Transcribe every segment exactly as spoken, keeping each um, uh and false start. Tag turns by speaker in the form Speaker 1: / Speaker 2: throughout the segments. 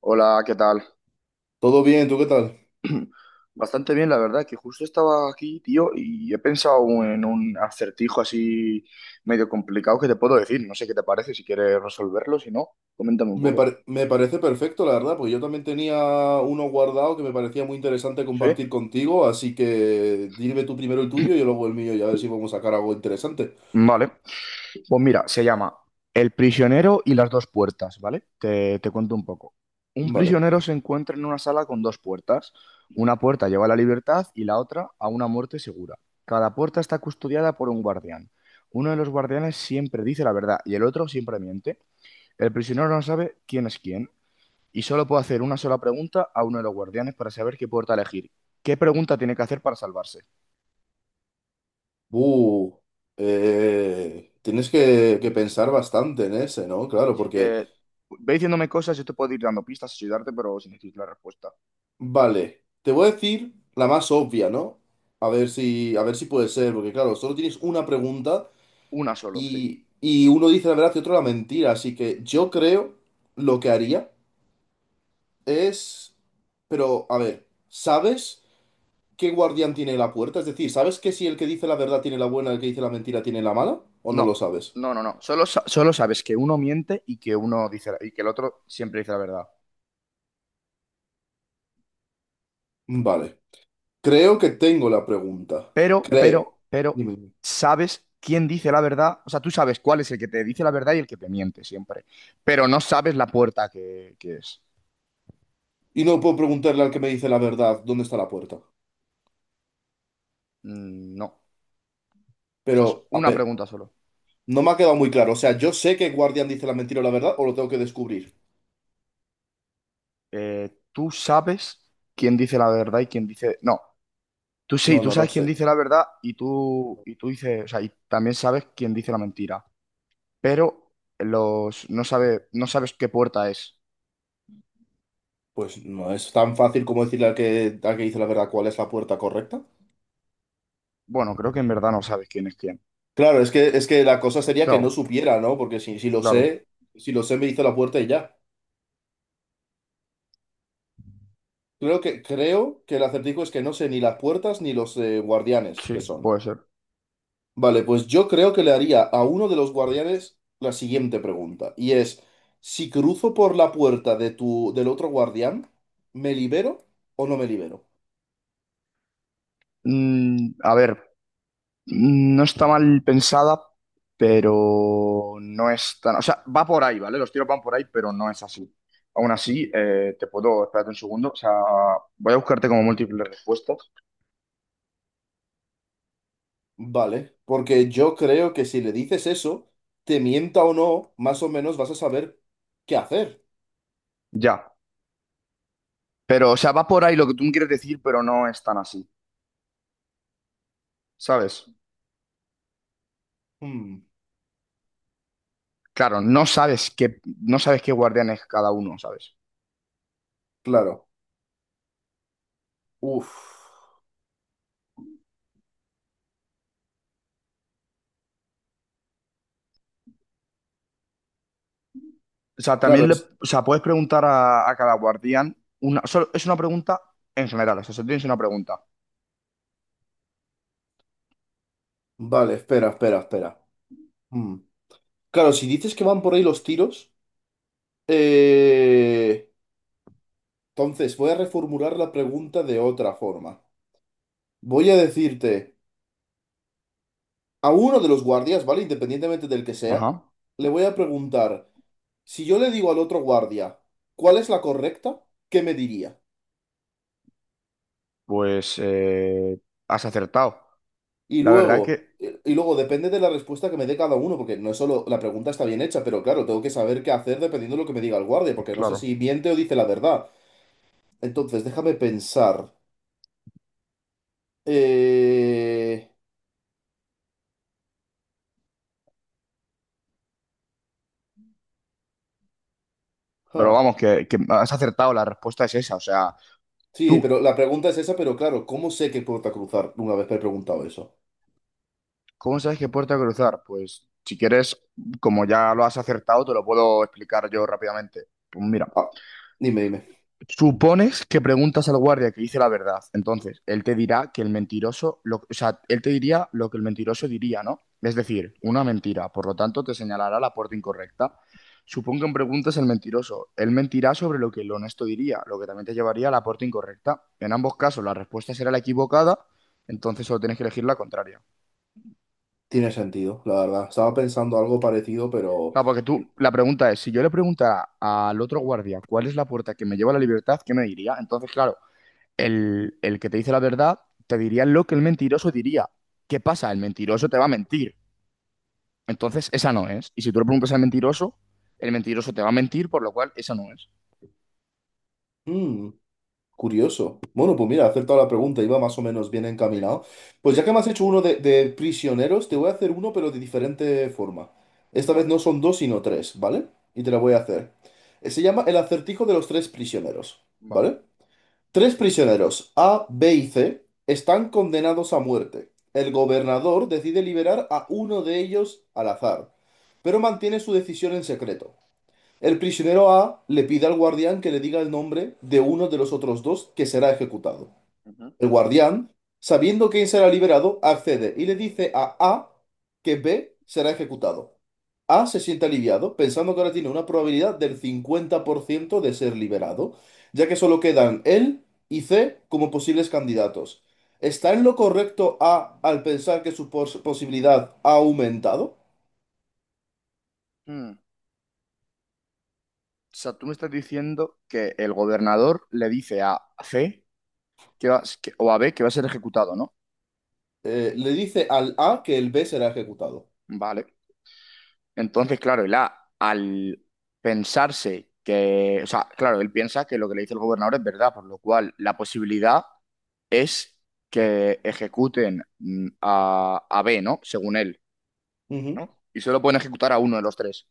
Speaker 1: Hola, ¿qué tal?
Speaker 2: Todo bien, ¿tú qué tal?
Speaker 1: Bastante bien, la verdad, que justo estaba aquí, tío, y he pensado en un acertijo así medio complicado que te puedo decir. No sé qué te parece, si quieres resolverlo, si no, coméntame un
Speaker 2: Me,
Speaker 1: poco.
Speaker 2: pare- me parece perfecto, la verdad, porque yo también tenía uno guardado que me parecía muy interesante
Speaker 1: ¿Sí?
Speaker 2: compartir contigo, así que dime tú primero el tuyo y yo luego el mío y a ver si podemos sacar algo interesante.
Speaker 1: Vale. Pues mira, se llama El prisionero y las dos puertas, ¿vale? Te, te cuento un poco. Un
Speaker 2: Vale.
Speaker 1: prisionero se encuentra en una sala con dos puertas. Una puerta lleva a la libertad y la otra a una muerte segura. Cada puerta está custodiada por un guardián. Uno de los guardianes siempre dice la verdad y el otro siempre miente. El prisionero no sabe quién es quién y solo puede hacer una sola pregunta a uno de los guardianes para saber qué puerta elegir. ¿Qué pregunta tiene que hacer para salvarse?
Speaker 2: Uh, eh, Tienes
Speaker 1: Te-
Speaker 2: que, que pensar bastante en ese, ¿no? Claro,
Speaker 1: si
Speaker 2: porque,
Speaker 1: te, ve diciéndome cosas, yo te puedo ir dando pistas, ayudarte, pero sin decir la respuesta.
Speaker 2: vale, te voy a decir la más obvia, ¿no? A ver si, a ver si puede ser, porque claro, solo tienes una pregunta
Speaker 1: Una solo, sí.
Speaker 2: y, y uno dice la verdad y otro la mentira, así que yo creo lo que haría. Es. Pero, a ver, ¿sabes qué guardián tiene la puerta? Es decir, ¿sabes que si el que dice la verdad tiene la buena, el que dice la mentira tiene la mala? ¿O no
Speaker 1: No,
Speaker 2: lo sabes?
Speaker 1: no, no, no. Solo, sa- solo sabes que uno miente y que uno dice la- y que el otro siempre dice la verdad.
Speaker 2: Mm, vale. Creo que tengo la pregunta.
Speaker 1: Pero,
Speaker 2: Creo.
Speaker 1: pero, pero,
Speaker 2: Dime, dime.
Speaker 1: sabes quién dice la verdad. O sea, tú sabes cuál es el que te dice la verdad y el que te miente siempre. Pero no sabes la puerta que, que es.
Speaker 2: Y no puedo preguntarle al que me dice la verdad dónde está la puerta.
Speaker 1: Mm, no. O sea, es
Speaker 2: Pero, a
Speaker 1: una
Speaker 2: ver,
Speaker 1: pregunta solo.
Speaker 2: no me ha quedado muy claro. O sea, ¿yo sé que guardián dice la mentira o la verdad o lo tengo que descubrir?
Speaker 1: Eh, tú sabes quién dice la verdad y quién dice. No. Tú sí,
Speaker 2: No,
Speaker 1: tú
Speaker 2: no lo
Speaker 1: sabes quién
Speaker 2: sé.
Speaker 1: dice la verdad y tú, y tú dices. O sea, y también sabes quién dice la mentira. Pero los, no sabe, no sabes qué puerta es.
Speaker 2: Pues no es tan fácil como decirle al que, al que dice la verdad cuál es la puerta correcta.
Speaker 1: Bueno, creo que en verdad no sabes quién es quién.
Speaker 2: Claro, es que, es que la cosa sería que no
Speaker 1: Claro,
Speaker 2: supiera, ¿no? Porque si, si lo
Speaker 1: claro,
Speaker 2: sé, si lo sé, me hizo la puerta y ya. Creo que, creo que el acertijo es que no sé ni las puertas ni los eh, guardianes que
Speaker 1: sí,
Speaker 2: son.
Speaker 1: puede ser.
Speaker 2: Vale, pues yo creo que le haría a uno de los guardianes la siguiente pregunta. Y es, si cruzo por la puerta de tu, del otro guardián, ¿me libero o no me libero?
Speaker 1: Mm, a ver, mm, no está mal pensada, pero no es tan. O sea, va por ahí, ¿vale? Los tiros van por ahí, pero no es así. Aún así, eh, te puedo. Espérate un segundo. O sea, voy a buscarte como múltiples respuestas.
Speaker 2: Vale, porque yo creo que si le dices eso, te mienta o no, más o menos vas a saber qué hacer.
Speaker 1: Ya. Pero, o sea, va por ahí lo que tú me quieres decir, pero no es tan así, ¿sabes?
Speaker 2: Hmm,
Speaker 1: Claro, no sabes qué, no sabes qué guardián es cada uno, ¿sabes?
Speaker 2: claro. Uf.
Speaker 1: O sea,
Speaker 2: Claro,
Speaker 1: también le,
Speaker 2: es.
Speaker 1: o sea, puedes preguntar a, a cada guardián una, solo- es una pregunta en general, o sea, solo tienes una pregunta.
Speaker 2: Vale, espera, espera, espera. Mm. Claro, si dices que van por ahí los tiros, eh, entonces voy a reformular la pregunta de otra forma. Voy a decirte, a uno de los guardias, ¿vale? Independientemente del que sea,
Speaker 1: Ajá.
Speaker 2: le voy a preguntar, si yo le digo al otro guardia, ¿cuál es la correcta? ¿Qué me diría?
Speaker 1: Pues eh, has acertado.
Speaker 2: Y
Speaker 1: La verdad
Speaker 2: luego,
Speaker 1: que,
Speaker 2: y luego depende de la respuesta que me dé cada uno, porque no es solo la pregunta está bien hecha, pero claro, tengo que saber qué hacer dependiendo de lo que me diga el guardia, porque no sé
Speaker 1: claro.
Speaker 2: si miente o dice la verdad. Entonces, déjame pensar. Eh,
Speaker 1: Pero
Speaker 2: Ja.
Speaker 1: vamos, que, que has acertado, la respuesta es esa. O sea,
Speaker 2: Sí,
Speaker 1: tú,
Speaker 2: pero la pregunta es esa, pero claro, ¿cómo sé que puerta cruzar una vez que he preguntado eso?
Speaker 1: ¿cómo sabes qué puerta cruzar? Pues si quieres, como ya lo has acertado, te lo puedo explicar yo rápidamente. Pues mira.
Speaker 2: Ah, dime, dime.
Speaker 1: Supones que preguntas al guardia que dice la verdad. Entonces, él te dirá que el mentiroso, lo- o sea, él te diría lo que el mentiroso diría, ¿no? Es decir, una mentira. Por lo tanto, te señalará la puerta incorrecta. Supón que preguntas al mentiroso. Él mentirá sobre lo que el honesto diría, lo que también te llevaría a la puerta incorrecta. En ambos casos, la respuesta será la equivocada, entonces solo tienes que elegir la contraria.
Speaker 2: Tiene sentido, la verdad. Estaba pensando algo parecido, pero.
Speaker 1: Claro, porque tú, la pregunta es, si yo le preguntara al otro guardia cuál es la puerta que me lleva a la libertad, ¿qué me diría? Entonces, claro. el, el que te dice la verdad te diría lo que el mentiroso diría. ¿Qué pasa? El mentiroso te va a mentir. Entonces, esa no es. Y si tú le preguntas al mentiroso, el mentiroso te va a mentir, por lo cual esa no es.
Speaker 2: Mm, curioso. Bueno, pues mira, he acertado la pregunta, iba más o menos bien
Speaker 1: Sí,
Speaker 2: encaminado. Pues
Speaker 1: sí,
Speaker 2: ya que me has hecho uno de, de prisioneros, te voy a hacer uno, pero de diferente forma. Esta vez no son dos, sino tres, ¿vale? Y te la voy a hacer. Eh, Se llama el acertijo de los tres prisioneros,
Speaker 1: vale.
Speaker 2: ¿vale? Tres prisioneros, A, B y C, están condenados a muerte. El gobernador decide liberar a uno de ellos al azar, pero mantiene su decisión en secreto. El prisionero A le pide al guardián que le diga el nombre de uno de los otros dos que será ejecutado. El guardián, sabiendo quién será liberado, accede y le dice a A que B será ejecutado. A se siente aliviado, pensando que ahora tiene una probabilidad del cincuenta por ciento de ser liberado, ya que solo quedan él y C como posibles candidatos. ¿Está en lo correcto A al pensar que su pos- posibilidad ha aumentado?
Speaker 1: Mm. O sea, tú me estás diciendo que el gobernador le dice a C que va- que- o a B que va a ser ejecutado, ¿no?
Speaker 2: Eh, le dice al A que el B será ejecutado.
Speaker 1: Vale. Entonces, claro, él a- al pensarse que, o sea, claro, él piensa que lo que le dice el gobernador es verdad, por lo cual la posibilidad es que ejecuten mm, a, a B, ¿no? Según él,
Speaker 2: Ujú.
Speaker 1: ¿no? Y solo pueden ejecutar a uno de los tres.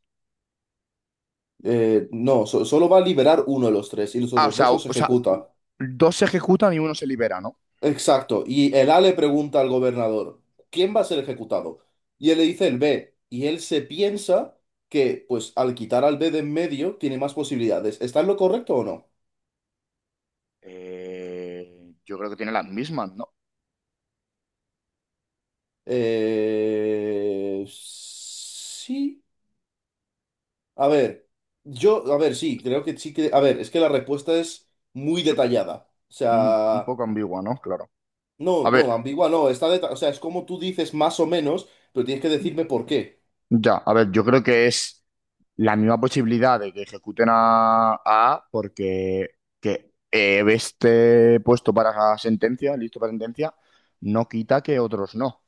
Speaker 2: Eh, no, so- solo va a liberar uno de los tres y los
Speaker 1: Ah, o
Speaker 2: otros
Speaker 1: sea,
Speaker 2: dos
Speaker 1: o,
Speaker 2: los
Speaker 1: o sea,
Speaker 2: ejecuta.
Speaker 1: dos se ejecutan y uno se libera, ¿no?
Speaker 2: Exacto. Y el A le pregunta al gobernador, ¿quién va a ser ejecutado? Y él le dice el B. Y él se piensa que, pues, al quitar al B de en medio, tiene más posibilidades. ¿Está en lo correcto o no?
Speaker 1: Eh, yo creo que tiene las mismas, ¿no?
Speaker 2: Eh... Sí. A ver, yo, a ver, sí, creo que sí que. A ver, es que la respuesta es muy
Speaker 1: Su-
Speaker 2: detallada. O
Speaker 1: Un, un
Speaker 2: sea,
Speaker 1: poco ambigua, ¿no? Claro.
Speaker 2: no,
Speaker 1: A
Speaker 2: no,
Speaker 1: ver,
Speaker 2: ambigua, no, está deta- o sea, es como tú dices más o menos, pero tienes que decirme por qué.
Speaker 1: ya, a ver, yo creo que es la misma posibilidad de que ejecuten a a A porque que eh, esté puesto para sentencia, listo para sentencia, no quita que otros no,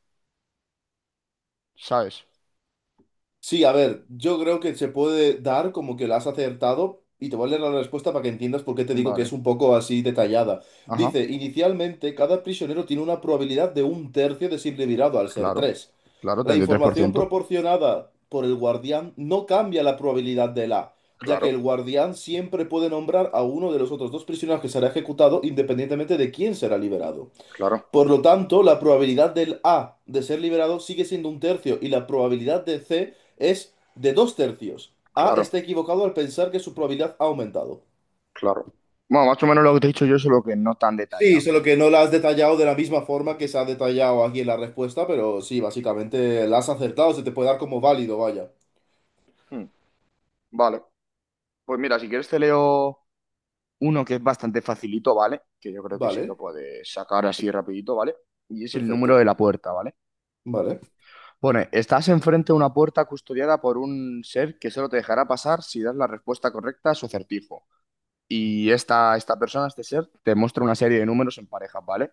Speaker 1: ¿sabes?
Speaker 2: Sí, a ver, yo creo que se puede dar como que la has acertado y te voy a leer la respuesta para que entiendas por qué te digo que es
Speaker 1: Vale.
Speaker 2: un poco así detallada.
Speaker 1: Ajá,
Speaker 2: Dice, inicialmente cada prisionero tiene una probabilidad de un tercio de ser liberado al ser
Speaker 1: claro,
Speaker 2: tres.
Speaker 1: claro,
Speaker 2: La
Speaker 1: treinta y tres por
Speaker 2: información
Speaker 1: ciento,
Speaker 2: proporcionada por el guardián no cambia la probabilidad del A, ya
Speaker 1: Claro,
Speaker 2: que el guardián siempre puede nombrar a uno de los otros dos prisioneros que será ejecutado independientemente de quién será liberado.
Speaker 1: claro,
Speaker 2: Por lo tanto, la probabilidad del A de ser liberado sigue siendo un tercio y la probabilidad de C es de dos tercios. A está
Speaker 1: claro,
Speaker 2: equivocado al pensar que su probabilidad ha aumentado.
Speaker 1: claro. Bueno, más o menos lo que te he dicho yo, solo que no tan
Speaker 2: Sí,
Speaker 1: detallado,
Speaker 2: solo
Speaker 1: ¿no?
Speaker 2: que no la has detallado de la misma forma que se ha detallado aquí en la respuesta, pero sí, básicamente la has acertado, se te puede dar como válido, vaya.
Speaker 1: Hmm, vale, pues mira, si quieres te leo. Uno que es bastante facilito, ¿vale? Que yo creo que sí que
Speaker 2: Vale,
Speaker 1: puedes sacar así rapidito, ¿vale? Y es el número
Speaker 2: perfecto.
Speaker 1: de la puerta, ¿vale?
Speaker 2: Vale.
Speaker 1: Pone, estás enfrente de una puerta custodiada por un ser que solo te dejará pasar si das la respuesta correcta a su acertijo. Y esta, esta persona, este ser, te muestra una serie de números en parejas, ¿vale?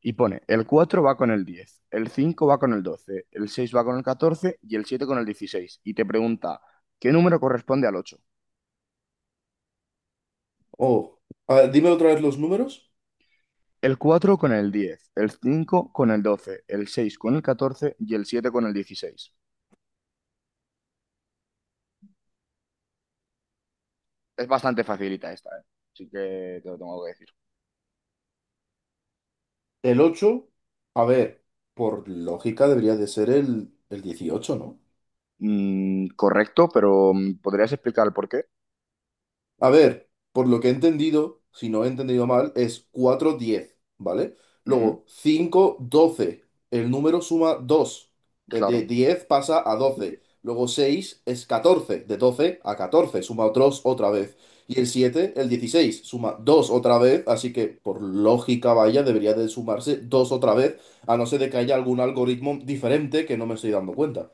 Speaker 1: Y pone, el cuatro va con el diez, el cinco va con el doce, el seis va con el catorce y el siete con el dieciséis. Y te pregunta, ¿qué número corresponde al ocho?
Speaker 2: Oh, a ver, dime otra vez los números.
Speaker 1: El cuatro con el diez, el cinco con el doce, el seis con el catorce y el siete con el dieciséis. Es bastante facilita esta, ¿eh? Así que te lo tengo que decir.
Speaker 2: El ocho. A ver, por lógica debería de ser el, el dieciocho, ¿no?
Speaker 1: Mm, correcto, pero mm, ¿podrías explicar el por qué?
Speaker 2: A ver, por lo que he entendido, si no he entendido mal, es cuatro diez, ¿vale?
Speaker 1: Ujú,
Speaker 2: Luego, cinco doce. El número suma dos. Desde
Speaker 1: claro.
Speaker 2: diez pasa a doce. Luego seis es catorce. De doce a catorce suma otros otra vez. Y el siete el dieciséis suma dos otra vez. Así que, por lógica, vaya, debería de sumarse dos otra vez. A no ser de que haya algún algoritmo diferente que no me estoy dando cuenta.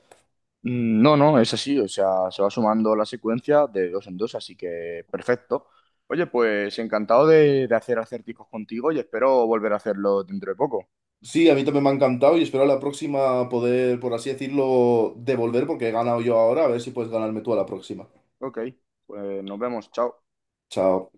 Speaker 1: Mm, no, no, es así, o sea, se va sumando la secuencia de dos en dos, así que perfecto. Oye, pues encantado de, de hacer acertijos contigo y espero volver a hacerlo dentro de poco.
Speaker 2: Sí, a mí también me ha encantado y espero a la próxima poder, por así decirlo, devolver porque he ganado yo ahora. A ver si puedes ganarme tú a la próxima.
Speaker 1: Ok, pues nos vemos, chao.
Speaker 2: Chao.